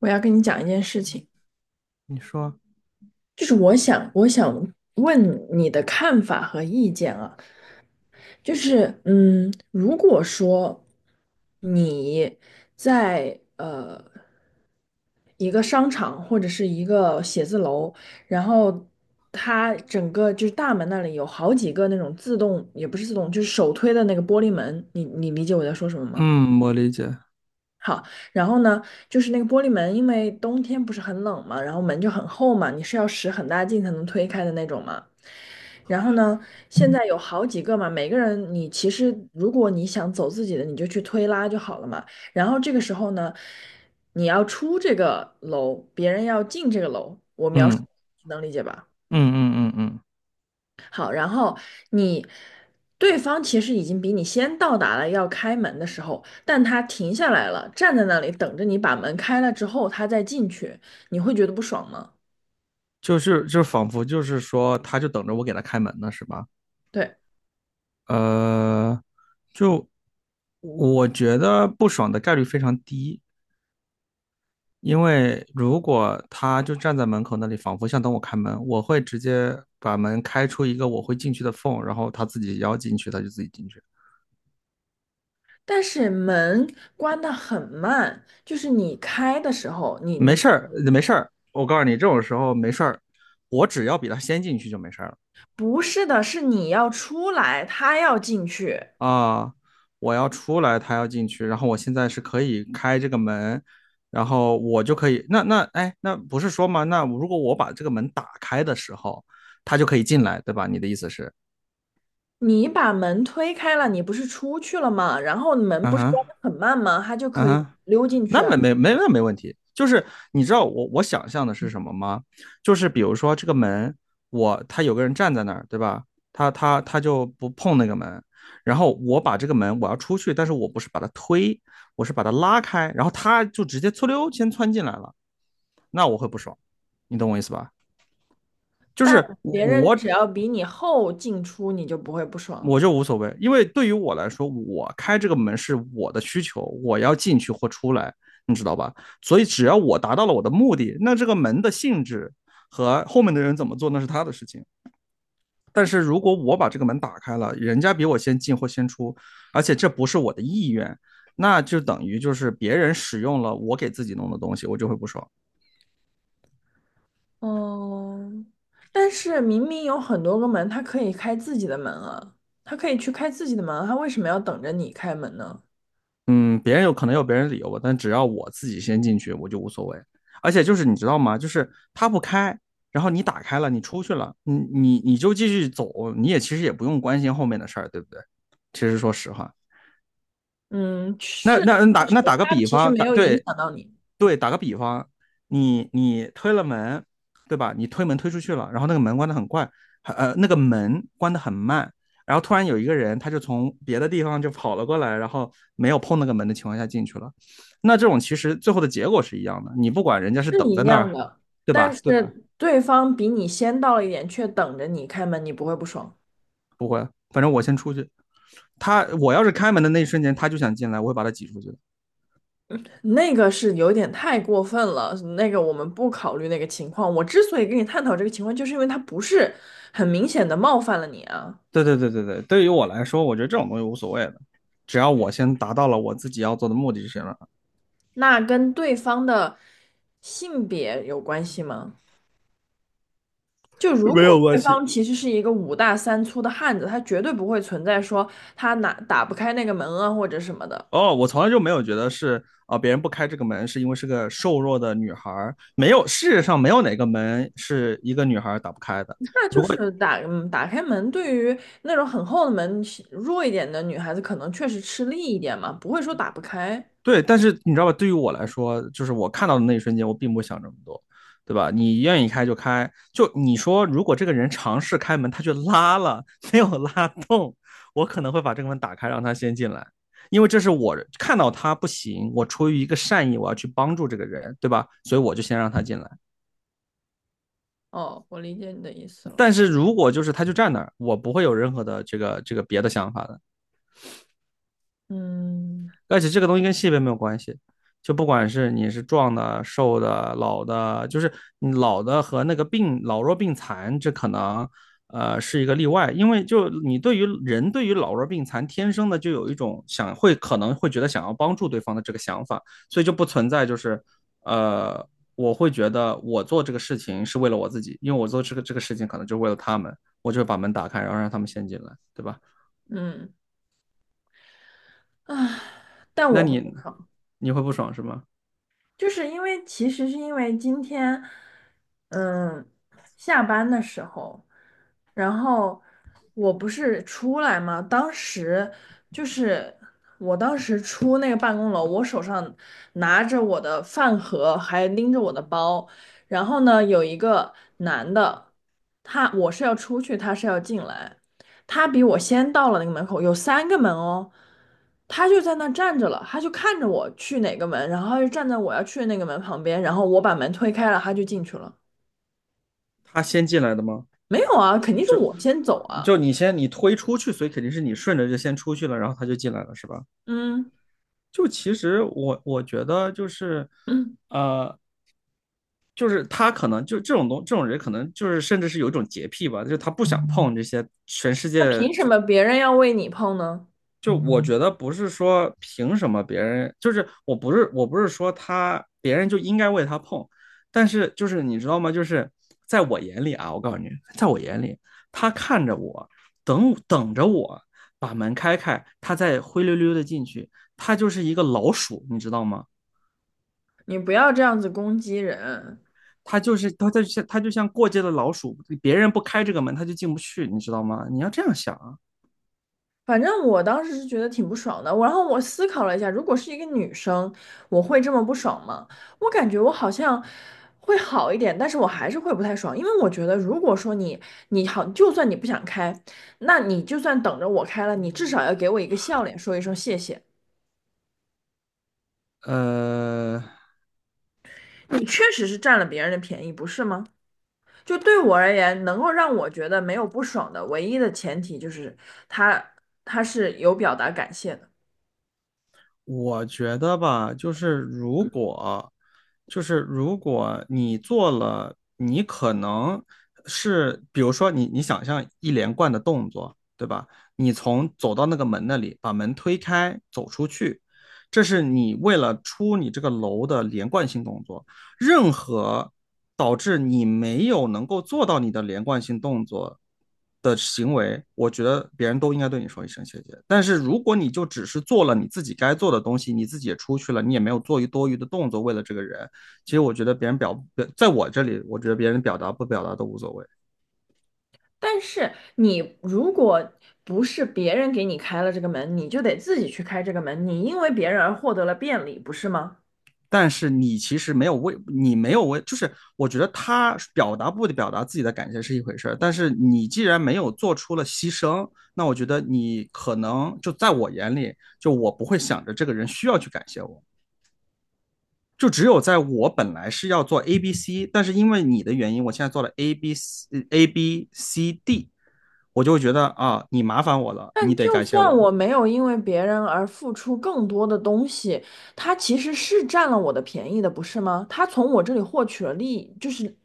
我要跟你讲一件事情，你说。就是我想问你的看法和意见啊，就是，如果说你在一个商场或者是一个写字楼，然后它整个就是大门那里有好几个那种自动，也不是自动，就是手推的那个玻璃门，你理解我在说什么吗？嗯，我理解。好，然后呢，就是那个玻璃门，因为冬天不是很冷嘛，然后门就很厚嘛，你是要使很大劲才能推开的那种嘛。然后呢，现在有好几个嘛，每个人你其实如果你想走自己的，你就去推拉就好了嘛。然后这个时候呢，你要出这个楼，别人要进这个楼，我描述嗯能理解吧？嗯，好，然后你对方其实已经比你先到达了要开门的时候，但他停下来了，站在那里等着你把门开了之后，他再进去，你会觉得不爽吗？就是仿佛就是说，他就等着我给他开门呢，是吧？对，呃，就我觉得不爽的概率非常低，因为如果他就站在门口那里，仿佛想等我开门，我会直接把门开出一个我会进去的缝，然后他自己要进去，他就自己进去。但是门关得很慢，就是你开的时候，你没你事儿，没事儿。我告诉你，这种时候没事儿，我只要比他先进去就没事儿了。不是的，是你要出来，他要进去。啊，我要出来，他要进去，然后我现在是可以开这个门，然后我就可以，那哎，那不是说吗？那如果我把这个门打开的时候，他就可以进来，对吧？你的意思是，你把门推开了，你不是出去了吗？然后门嗯不是哼，关得很慢吗？他就嗯可以哼。溜进去那啊没没没那没问题，就是你知道我想象的是什么吗？就是比如说这个门，他有个人站在那儿，对吧？他就不碰那个门，然后我把这个门我要出去，但是我不是把它推，我是把它拉开，然后他就直接嗖溜先窜进来了，那我会不爽，你懂我意思吧？就但是别人我只要比你后进出，你就不会不爽。我就无所谓，因为对于我来说，我开这个门是我的需求，我要进去或出来，你知道吧？所以只要我达到了我的目的，那这个门的性质和后面的人怎么做，那是他的事情。但是如果我把这个门打开了，人家比我先进或先出，而且这不是我的意愿，那就等于就是别人使用了我给自己弄的东西，我就会不爽。嗯，但是明明有很多个门，他可以开自己的门啊，他可以去开自己的门啊，他为什么要等着你开门呢？嗯，别人有可能有别人理由吧，但只要我自己先进去，我就无所谓。而且就是你知道吗？就是他不开，然后你打开了，你出去了，你就继续走，你也其实也不用关心后面的事儿，对不对？其实说实话，嗯，那是，那那确打实，那打个他比其实方，没有影对响到你，对，打个比方，你推了门，对吧？你推门推出去了，然后那个门关得很快，那个门关得很慢，然后突然有一个人，他就从别的地方就跑了过来，然后没有碰那个门的情况下进去了。那这种其实最后的结果是一样的，你不管人家是是等一在那样儿，的。对但吧？对吧？是对方比你先到了一点，却等着你开门，你不会不爽。不会，反正我先出去。我要是开门的那一瞬间，他就想进来，我会把他挤出去的。那个是有点太过分了，那个我们不考虑那个情况。我之所以跟你探讨这个情况，就是因为他不是很明显的冒犯了你啊，对对对对对，对于我来说，我觉得这种东西无所谓的，只要我先达到了我自己要做的目的就行了，那跟对方的性别有关系吗？就如没有果关对系。方其实是一个五大三粗的汉子，他绝对不会存在说他哪打不开那个门啊或者什么的，哦，我从来就没有觉得是啊，别人不开这个门是因为是个瘦弱的女孩儿，没有，世界上没有哪个门是一个女孩儿打不开的。那就如果是打开门，对于那种很厚的门弱一点的女孩子，可能确实吃力一点嘛，不会说打不开。对，但是你知道吧，对于我来说，就是我看到的那一瞬间，我并不想这么多，对吧？你愿意开就开，就你说，如果这个人尝试开门，他却拉了，没有拉动，我可能会把这个门打开，让他先进来。因为这是我看到他不行，我出于一个善意，我要去帮助这个人，对吧？所以我就先让他进来。哦，我理解你的意思了。但是如果就是他就站那儿，我不会有任何的这个别的想法的。嗯而且这个东西跟性别没有关系，就不管是你是壮的、瘦的、老的，就是你老的和那个病老弱病残，这可能是一个例外，因为就你对于人对于老弱病残天生的就有一种想会可能会觉得想要帮助对方的这个想法，所以就不存在就是呃我会觉得我做这个事情是为了我自己，因为我做这个事情可能就是为了他们，我就把门打开，然后让他们先进来，对吧？嗯啊，但那我会不你放，会不爽是吗？就是因为其实是因为今天，嗯，下班的时候，然后我不是出来嘛，当时就是我当时出那个办公楼，我手上拿着我的饭盒，还拎着我的包，然后呢，有一个男的，他我是要出去，他是要进来。他比我先到了那个门口，有三个门哦，他就在那站着了，他就看着我去哪个门，然后他就站在我要去的那个门旁边，然后我把门推开了，他就进去了。他先进来的吗？没有啊，肯定是我先走啊。就你先你推出去，所以肯定是你顺着就先出去了，然后他就进来了，是吧？嗯就其实我觉得就是，嗯，呃，就是他可能就这种人可能就是甚至是有一种洁癖吧，就是他不想碰这些全世那界凭什么别人要为你碰呢？就我觉得不是说凭什么别人，就是我不是说他别人就应该为他碰，但是就是你知道吗？就是在我眼里啊，我告诉你，在我眼里，他看着我，等着我把门开开，他再灰溜溜的进去，他就是一个老鼠，你知道吗？你不要这样子攻击人。他就是他在像他就像过街的老鼠，别人不开这个门他就进不去，你知道吗？你要这样想啊。反正我当时是觉得挺不爽的，我然后我思考了一下，如果是一个女生，我会这么不爽吗？我感觉我好像会好一点，但是我还是会不太爽，因为我觉得如果说你你好，就算你不想开，那你就算等着我开了，你至少要给我一个笑脸，说一声谢谢。呃。你确实是占了别人的便宜，不是吗？就对我而言，能够让我觉得没有不爽的唯一的前提就是他他是有表达感谢的。我觉得吧，就是如果你做了，你可能是，比如说你想象一连贯的动作，对吧？你从走到那个门那里，把门推开，走出去，这是你为了出你这个楼的连贯性动作。任何导致你没有能够做到你的连贯性动作的行为，我觉得别人都应该对你说一声谢谢。但是如果你就只是做了你自己该做的东西，你自己也出去了，你也没有做多余的动作为了这个人，其实我觉得别人表，在我这里，我觉得别人表达不表达都无所谓。但是你如果不是别人给你开了这个门，你就得自己去开这个门，你因为别人而获得了便利，不是吗？但是你其实没有为，就是我觉得他表达不表达自己的感谢是一回事儿，但是你既然没有做出了牺牲，那我觉得你可能就在我眼里，就我不会想着这个人需要去感谢我，就只有在我本来是要做 A B C，但是因为你的原因，我现在做了 A B C D，我就会觉得啊，你麻烦我了，你但得就感谢算我。我没有因为别人而付出更多的东西，他其实是占了我的便宜的，不是吗？他从我这里获取了利益，就是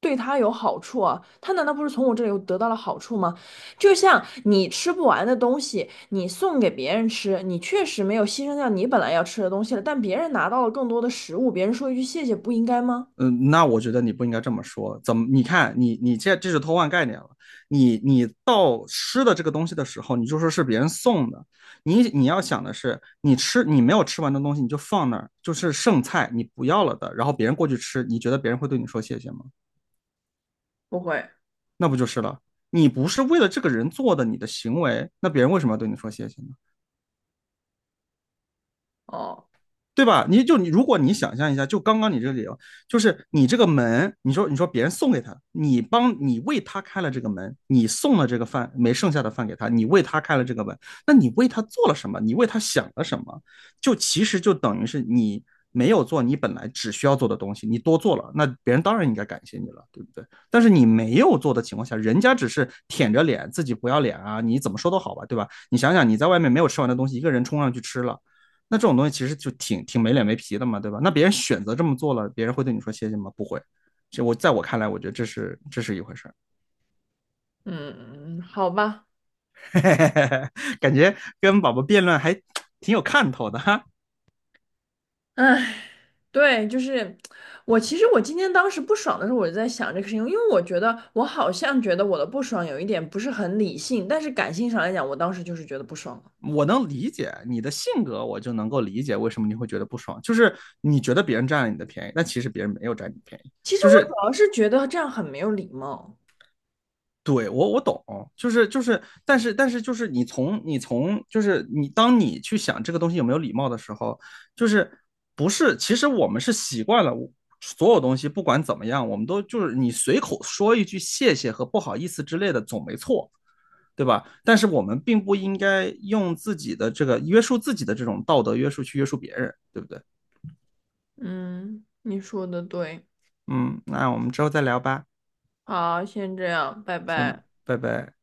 对他有好处啊。他难道不是从我这里得到了好处吗？就像你吃不完的东西，你送给别人吃，你确实没有牺牲掉你本来要吃的东西了，但别人拿到了更多的食物，别人说一句谢谢，不应该吗？嗯，那我觉得你不应该这么说。怎么？你看，你这是偷换概念了。你你到吃的这个东西的时候，你就说是别人送的。你你要想的是，你吃你没有吃完的东西，你就放那儿，就是剩菜，你不要了的。然后别人过去吃，你觉得别人会对你说谢谢吗？不会那不就是了？你不是为了这个人做的你的行为，那别人为什么要对你说谢谢呢？哦，对吧？你就你，如果你想象一下，就刚刚你这个理由，就是你这个门，你说别人送给他，你为他开了这个门，你送了这个饭没剩下的饭给他，你为他开了这个门，那你为他做了什么？你为他想了什么？就其实就等于是你没有做你本来只需要做的东西，你多做了，那别人当然应该感谢你了，对不对？但是你没有做的情况下，人家只是舔着脸自己不要脸啊，你怎么说都好吧，对吧？你想想你在外面没有吃完的东西，一个人冲上去吃了。那这种东西其实就挺没脸没皮的嘛，对吧？那别人选择这么做了，别人会对你说谢谢吗？不会。这我在我看来，我觉得这是一回事儿。嗯，好吧，感觉跟宝宝辩论还挺有看头的哈。唉。对，就是我。其实我今天当时不爽的时候，我就在想这个事情，因为我觉得我好像觉得我的不爽有一点不是很理性，但是感性上来讲，我当时就是觉得不爽了我能理解你的性格，我就能够理解为什么你会觉得不爽，就是你觉得别人占了你的便宜，但其实别人没有占你便宜，其实就我是主要是觉得这样很没有礼貌。对我懂，但是就是你从就是你当你去想这个东西有没有礼貌的时候，就是不是其实我们是习惯了所有东西不管怎么样，我们都就是你随口说一句谢谢和不好意思之类的总没错，对吧？但是我们并不应该用自己的这个约束自己的这种道德约束去约束别人，对不对？嗯，你说的对。嗯，那我们之后再聊吧，好，先这样，拜先拜。拜拜。